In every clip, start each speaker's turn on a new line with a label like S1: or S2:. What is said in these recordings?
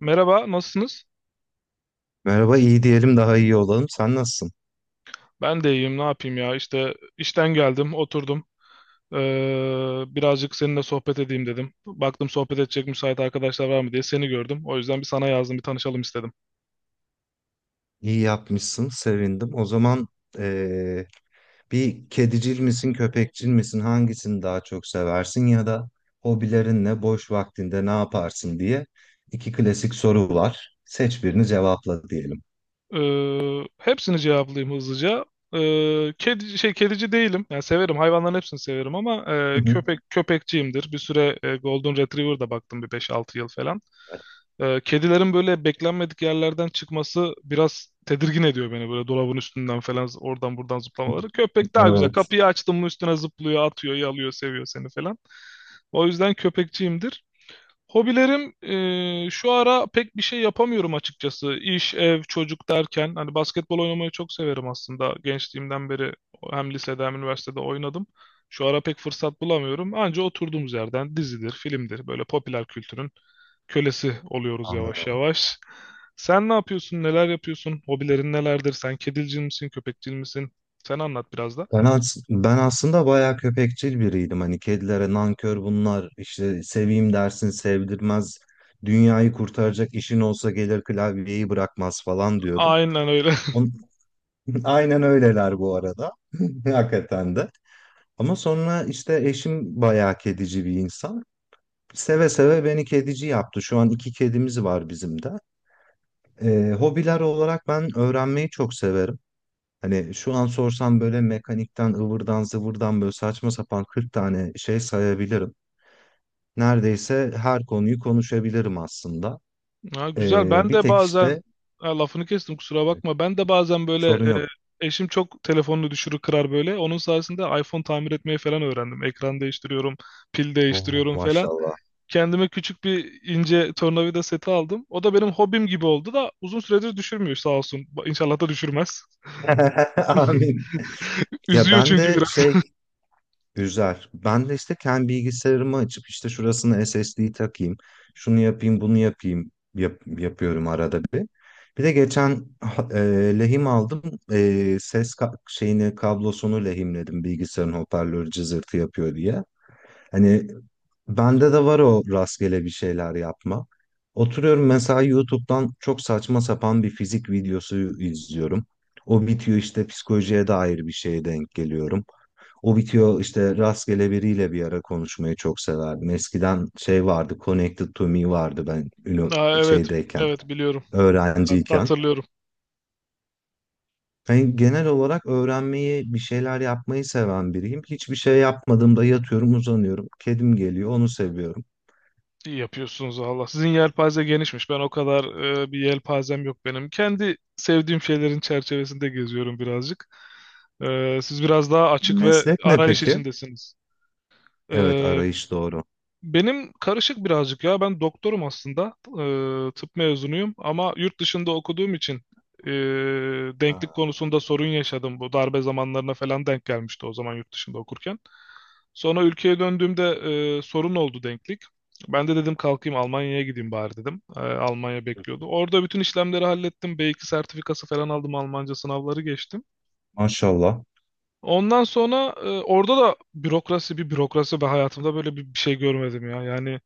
S1: Merhaba, nasılsınız?
S2: Merhaba, iyi diyelim daha iyi olalım. Sen nasılsın?
S1: Ben de iyiyim, ne yapayım ya? İşte işten geldim, oturdum. Birazcık seninle sohbet edeyim dedim. Baktım sohbet edecek müsait arkadaşlar var mı diye seni gördüm. O yüzden bir sana yazdım, bir tanışalım istedim.
S2: İyi yapmışsın, sevindim. O zaman eee, bir kedicil misin, köpekçil misin? Hangisini daha çok seversin ya da hobilerin ne, boş vaktinde ne yaparsın diye iki klasik soru var. Seç birini cevapla diyelim.
S1: Hepsini cevaplayayım hızlıca. Kedici değilim. Yani severim. Hayvanların hepsini severim ama köpek köpekçiyimdir. Bir süre Golden Retriever'da baktım bir 5-6 yıl falan. Kedilerin böyle beklenmedik yerlerden çıkması biraz tedirgin ediyor beni. Böyle dolabın üstünden falan oradan buradan zıplamaları. Köpek daha güzel.
S2: Evet,
S1: Kapıyı açtım mı üstüne zıplıyor, atıyor, yalıyor, seviyor seni falan. O yüzden köpekçiyimdir. Hobilerim şu ara pek bir şey yapamıyorum açıkçası. İş, ev, çocuk derken hani basketbol oynamayı çok severim aslında. Gençliğimden beri hem lisede hem üniversitede oynadım. Şu ara pek fırsat bulamıyorum. Anca oturduğumuz yerden dizidir, filmdir böyle popüler kültürün kölesi oluyoruz yavaş
S2: anladım.
S1: yavaş. Sen ne yapıyorsun? Neler yapıyorsun? Hobilerin nelerdir? Sen kedilcil misin, köpekçil misin? Sen anlat biraz da.
S2: Ben aslında bayağı köpekçil biriydim. Hani kedilere nankör bunlar, işte seveyim dersin sevdirmez. Dünyayı kurtaracak işin olsa gelir klavyeyi bırakmaz falan diyordum.
S1: Aynen öyle.
S2: On- Aynen öyleler bu arada. Hakikaten de. Ama sonra işte eşim bayağı kedici bir insan. Seve seve beni kedici yaptı. Şu an iki kedimiz var bizim de. Hobiler olarak ben öğrenmeyi çok severim. Hani şu an sorsam böyle mekanikten, ıvırdan, zıvırdan böyle saçma sapan 40 tane şey sayabilirim. Neredeyse her konuyu konuşabilirim aslında.
S1: Ha, güzel. Ben
S2: Bir
S1: de
S2: tek
S1: bazen
S2: işte
S1: ha, lafını kestim, kusura bakma. Ben de bazen böyle
S2: sorun yok.
S1: eşim çok telefonunu düşürür kırar böyle. Onun sayesinde iPhone tamir etmeyi falan öğrendim. Ekran değiştiriyorum, pil
S2: Oo,
S1: değiştiriyorum falan.
S2: maşallah.
S1: Kendime küçük bir ince tornavida seti aldım. O da benim hobim gibi oldu da uzun süredir düşürmüyor sağ olsun. İnşallah da düşürmez.
S2: Amin. Ya
S1: Üzüyor
S2: ben
S1: çünkü
S2: de
S1: biraz.
S2: şey Üzer. Ben de işte kendi bilgisayarımı açıp işte şurasına SSD takayım, şunu yapayım, bunu yapayım yapıyorum arada bir. Bir de geçen lehim aldım. E, ses ka- şeyini Kablosunu lehimledim, bilgisayarın hoparlörü cızırtı yapıyor diye. Hani bende de var o rastgele bir şeyler yapma. Oturuyorum mesela YouTube'dan çok saçma sapan bir fizik videosu izliyorum. O bitiyor, işte psikolojiye dair bir şeye denk geliyorum. O bitiyor, işte rastgele biriyle bir ara konuşmayı çok severdim. Eskiden şey vardı, Connected to Me vardı,
S1: Ha, evet,
S2: şeydeyken,
S1: evet biliyorum. Hatta
S2: öğrenciyken.
S1: hatırlıyorum.
S2: Hani genel olarak öğrenmeyi, bir şeyler yapmayı seven biriyim. Hiçbir şey yapmadığımda yatıyorum, uzanıyorum. Kedim geliyor, onu seviyorum.
S1: İyi yapıyorsunuz, Allah. Sizin yelpaze genişmiş. Ben o kadar bir yelpazem yok benim. Kendi sevdiğim şeylerin çerçevesinde geziyorum birazcık. Siz biraz daha açık ve
S2: Meslek ne
S1: arayış
S2: peki?
S1: içindesiniz. E,
S2: Evet, arayış doğru.
S1: benim karışık birazcık ya. Ben doktorum aslında. Tıp mezunuyum ama yurt dışında okuduğum için ee, denklik
S2: Ha,
S1: konusunda sorun yaşadım. Bu darbe zamanlarına falan denk gelmişti o zaman, yurt dışında okurken. Sonra ülkeye döndüğümde sorun oldu denklik. Ben de dedim kalkayım Almanya'ya gideyim bari dedim. Almanya
S2: hı hı,
S1: bekliyordu. Orada bütün işlemleri hallettim. B2 sertifikası falan aldım. Almanca sınavları geçtim.
S2: maşallah.
S1: Ondan sonra orada da bürokrasi bir bürokrasi ve hayatımda böyle bir şey görmedim ya. Yani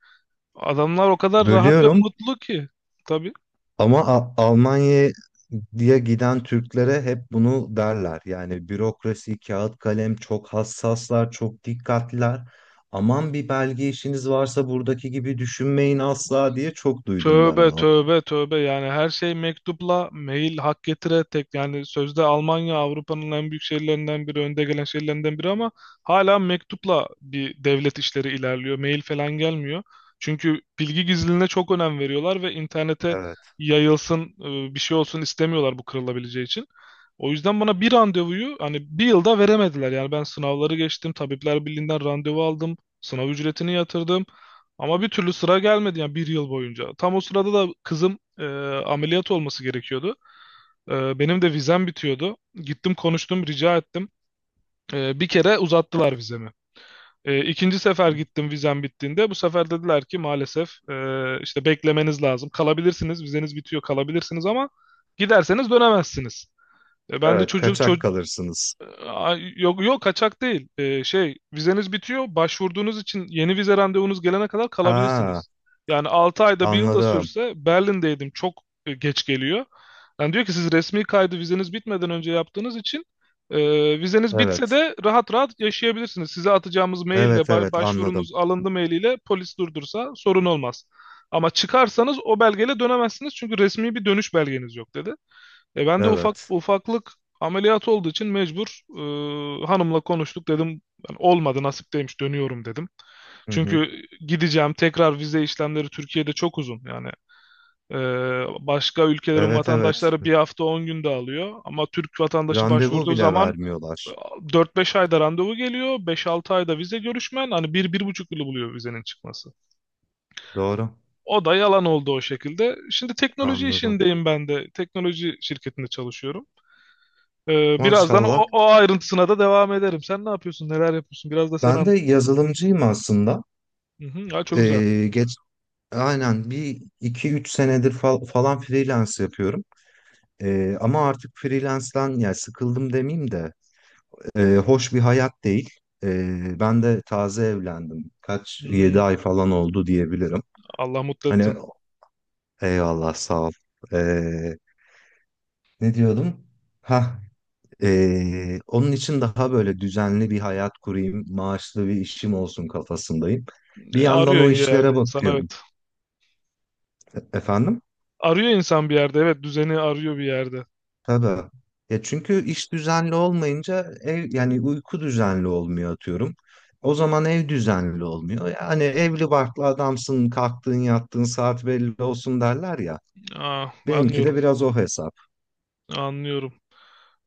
S1: adamlar o kadar rahat ve
S2: Bölüyorum
S1: mutlu ki. Tabii.
S2: ama Almanya'ya giden Türklere hep bunu derler. Yani bürokrasi, kağıt kalem, çok hassaslar, çok dikkatliler. Aman bir belge işiniz varsa buradaki gibi düşünmeyin asla diye çok duydum ben
S1: Tövbe
S2: onu.
S1: tövbe tövbe, yani her şey mektupla, mail hak getire tek. Yani sözde Almanya Avrupa'nın en büyük şehirlerinden biri, önde gelen şehirlerinden biri ama hala mektupla bir devlet işleri ilerliyor, mail falan gelmiyor. Çünkü bilgi gizliliğine çok önem veriyorlar ve internete
S2: Evet.
S1: yayılsın bir şey olsun istemiyorlar, bu kırılabileceği için. O yüzden bana bir randevuyu hani bir yılda veremediler yani. Ben sınavları geçtim, Tabipler Birliği'nden randevu aldım, sınav ücretini yatırdım. Ama bir türlü sıra gelmedi yani, bir yıl boyunca. Tam o sırada da kızım ameliyat olması gerekiyordu. Benim de vizem bitiyordu. Gittim, konuştum, rica ettim. Bir kere uzattılar vizemi. E, ikinci sefer gittim vizem bittiğinde. Bu sefer dediler ki, maalesef işte beklemeniz lazım. Kalabilirsiniz, vizeniz bitiyor, kalabilirsiniz ama giderseniz dönemezsiniz. Ben de
S2: Evet,
S1: çocuk.
S2: kaçak kalırsınız.
S1: Aa, yok yok, kaçak değil. Şey, vizeniz bitiyor. Başvurduğunuz için yeni vize randevunuz gelene kadar
S2: Ha,
S1: kalabilirsiniz. Yani 6 ayda bir yıl da
S2: anladım.
S1: sürse Berlin'deydim, çok geç geliyor. Yani diyor ki, siz resmi kaydı vizeniz bitmeden önce yaptığınız için vizeniz bitse
S2: Evet.
S1: de rahat rahat yaşayabilirsiniz. Size atacağımız maille,
S2: Evet, evet, anladım.
S1: başvurunuz alındı mailiyle polis durdursa sorun olmaz. Ama çıkarsanız o belgeyle dönemezsiniz çünkü resmi bir dönüş belgeniz yok dedi. Ben de ufak
S2: Evet.
S1: ufaklık ameliyat olduğu için mecbur, hanımla konuştuk dedim. Yani olmadı, nasip değilmiş, dönüyorum dedim.
S2: Hı hı.
S1: Çünkü gideceğim, tekrar vize işlemleri Türkiye'de çok uzun. Yani e, başka ülkelerin
S2: Evet, evet.
S1: vatandaşları bir hafta 10 günde alıyor. Ama Türk vatandaşı
S2: Randevu
S1: başvurduğu
S2: bile
S1: zaman e,
S2: vermiyorlar.
S1: 4-5 ayda randevu geliyor. 5-6 ayda vize görüşmen, hani bir bir buçuk yılı buluyor vizenin çıkması.
S2: Doğru.
S1: O da yalan oldu o şekilde. Şimdi teknoloji
S2: Anladım.
S1: işindeyim ben de. Teknoloji şirketinde çalışıyorum. Birazdan o,
S2: Maşallah.
S1: o ayrıntısına da devam ederim. Sen ne yapıyorsun? Neler yapıyorsun? Biraz da sen
S2: Ben
S1: an.
S2: de yazılımcıyım aslında.
S1: Hı hı, ya çok güzel.
S2: Ee, geç, aynen bir iki üç senedir falan freelance yapıyorum. Ama artık freelance'den yani sıkıldım demeyeyim de hoş bir hayat değil. Ben de taze evlendim. Kaç, yedi
S1: Hmm,
S2: ay falan oldu diyebilirim.
S1: Allah mutlu
S2: Hani
S1: etsin.
S2: eyvallah, sağ ol. Ee, Ne diyordum? Ha. Onun için daha böyle düzenli bir hayat kurayım, maaşlı bir işim olsun kafasındayım. Bir
S1: E,
S2: yandan
S1: arıyor
S2: o
S1: bir yerde
S2: işlere
S1: insan,
S2: bakıyorum.
S1: evet.
S2: Efendim?
S1: Arıyor insan bir yerde, evet, düzeni arıyor bir yerde.
S2: Tabii. Ya çünkü iş düzenli olmayınca ev, yani uyku düzenli olmuyor atıyorum. O zaman ev düzenli olmuyor. Yani evli barklı adamsın, kalktığın yattığın saat belli olsun derler ya.
S1: Aa,
S2: Benimki
S1: anlıyorum,
S2: de biraz o hesap.
S1: anlıyorum.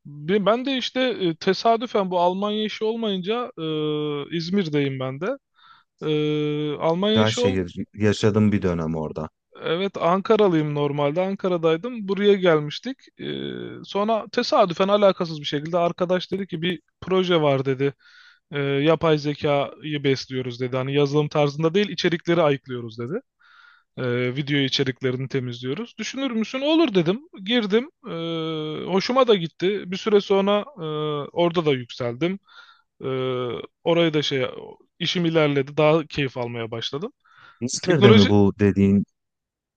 S1: Ben de işte tesadüfen bu Almanya işi olmayınca İzmir'deyim ben de. Almanya
S2: Güzel
S1: işi.
S2: şehir. Yaşadım bir dönem orada.
S1: Evet, Ankaralıyım normalde. Ankara'daydım. Buraya gelmiştik. Sonra tesadüfen alakasız bir şekilde arkadaş dedi ki bir proje var dedi. Yapay zekayı besliyoruz dedi. Hani yazılım tarzında değil, içerikleri ayıklıyoruz dedi. Video içeriklerini temizliyoruz. Düşünür müsün? Olur dedim, girdim. Hoşuma da gitti. Bir süre sonra orada da yükseldim. Ee, orayı da şey, işim ilerledi. Daha keyif almaya başladım.
S2: İzmir'de mi
S1: Teknoloji.
S2: bu dediğin,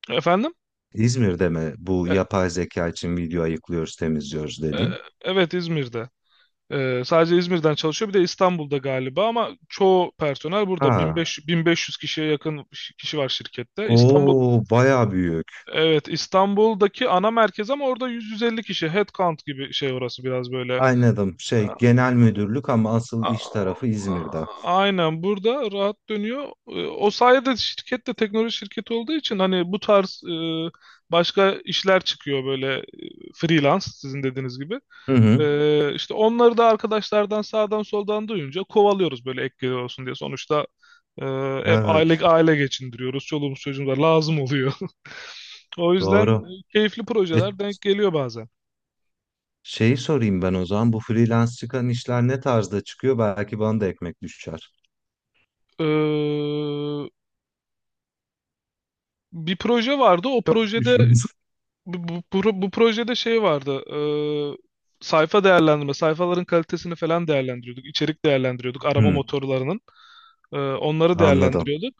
S1: Efendim?
S2: İzmir'de mi bu
S1: E,
S2: yapay zeka için video ayıklıyoruz, temizliyoruz
S1: E,
S2: dediğin?
S1: Evet, İzmir'de. Sadece İzmir'den çalışıyor. Bir de İstanbul'da galiba ama çoğu personel burada.
S2: Ha,
S1: 1500, 1500 kişiye yakın kişi var şirkette. İstanbul.
S2: o bayağı büyük.
S1: Evet, İstanbul'daki ana merkez ama orada 100-150 kişi. Headcount gibi şey orası, biraz böyle.
S2: Anladım. Şey, genel müdürlük ama asıl
S1: A-
S2: iş tarafı İzmir'de.
S1: Aynen burada rahat dönüyor. O sayede şirket de teknoloji şirketi olduğu için, hani bu tarz başka işler çıkıyor, böyle freelance sizin dediğiniz gibi.
S2: Hı hı.
S1: E, işte onları da arkadaşlardan sağdan soldan duyunca kovalıyoruz böyle, ek gelir olsun diye. Sonuçta e, hep
S2: Evet,
S1: aile aile geçindiriyoruz. Çoluğumuz çocuğumuz var, lazım oluyor. O yüzden
S2: doğru.
S1: keyifli
S2: E,
S1: projeler denk geliyor bazen.
S2: Şeyi sorayım ben o zaman, bu freelance çıkan işler ne tarzda çıkıyor? Belki bana da ekmek düşer.
S1: E, bir proje vardı. O
S2: Çok
S1: projede,
S2: düşmez.
S1: bu projede şey vardı. Sayfa değerlendirme, sayfaların kalitesini falan değerlendiriyorduk, içerik değerlendiriyorduk. Arama
S2: Hı,
S1: motorlarının. Onları
S2: anladım.
S1: değerlendiriyorduk.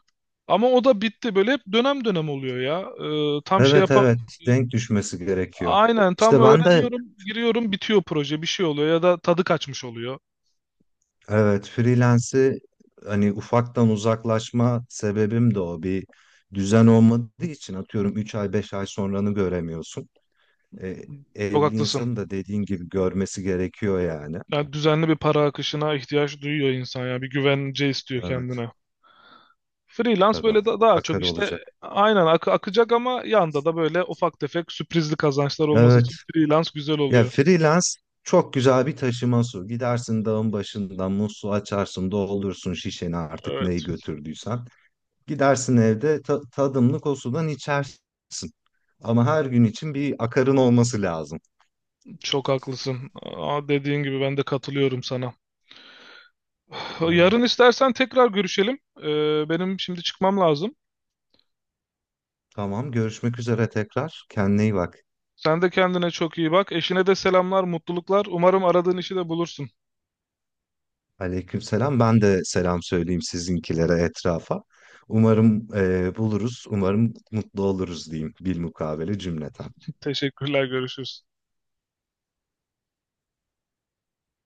S1: Ama o da bitti. Böyle hep dönem dönem oluyor ya. Tam şey
S2: Evet,
S1: yapa.
S2: evet, denk düşmesi gerekiyor.
S1: Aynen, tam
S2: İşte ben de
S1: öğreniyorum, giriyorum, bitiyor proje. Bir şey oluyor ya da tadı kaçmış oluyor.
S2: evet, freelance'i hani ufaktan uzaklaşma sebebim de o. Bir düzen olmadığı için atıyorum 3 ay 5 ay sonranı göremiyorsun. E,
S1: Çok
S2: Evli
S1: haklısın.
S2: insanın da dediğin gibi görmesi gerekiyor yani.
S1: Yani düzenli bir para akışına ihtiyaç duyuyor insan ya. Bir güvence istiyor
S2: Evet,
S1: kendine. Freelance
S2: tabii,
S1: böyle daha çok
S2: akar
S1: işte
S2: olacak.
S1: aynen akacak ama yanda da böyle ufak tefek sürprizli kazançlar olması
S2: Evet.
S1: için freelance güzel
S2: Ya
S1: oluyor.
S2: freelance çok güzel bir taşıma su. Gidersin dağın başından musluğu açarsın, doldursun şişeni artık neyi
S1: Evet,
S2: götürdüysen. Gidersin evde tadımlık o sudan içersin. Ama her gün için bir akarın olması lazım.
S1: çok haklısın. Aa, dediğin gibi, ben de katılıyorum sana. Yarın
S2: Evet.
S1: istersen tekrar görüşelim. Benim şimdi çıkmam lazım.
S2: Tamam, görüşmek üzere tekrar. Kendine iyi bak.
S1: Sen de kendine çok iyi bak. Eşine de selamlar, mutluluklar. Umarım aradığın işi de bulursun.
S2: Aleykümselam. Ben de selam söyleyeyim sizinkilere, etrafa. Umarım buluruz, umarım mutlu oluruz diyeyim, bilmukabele cümleten.
S1: Teşekkürler, görüşürüz.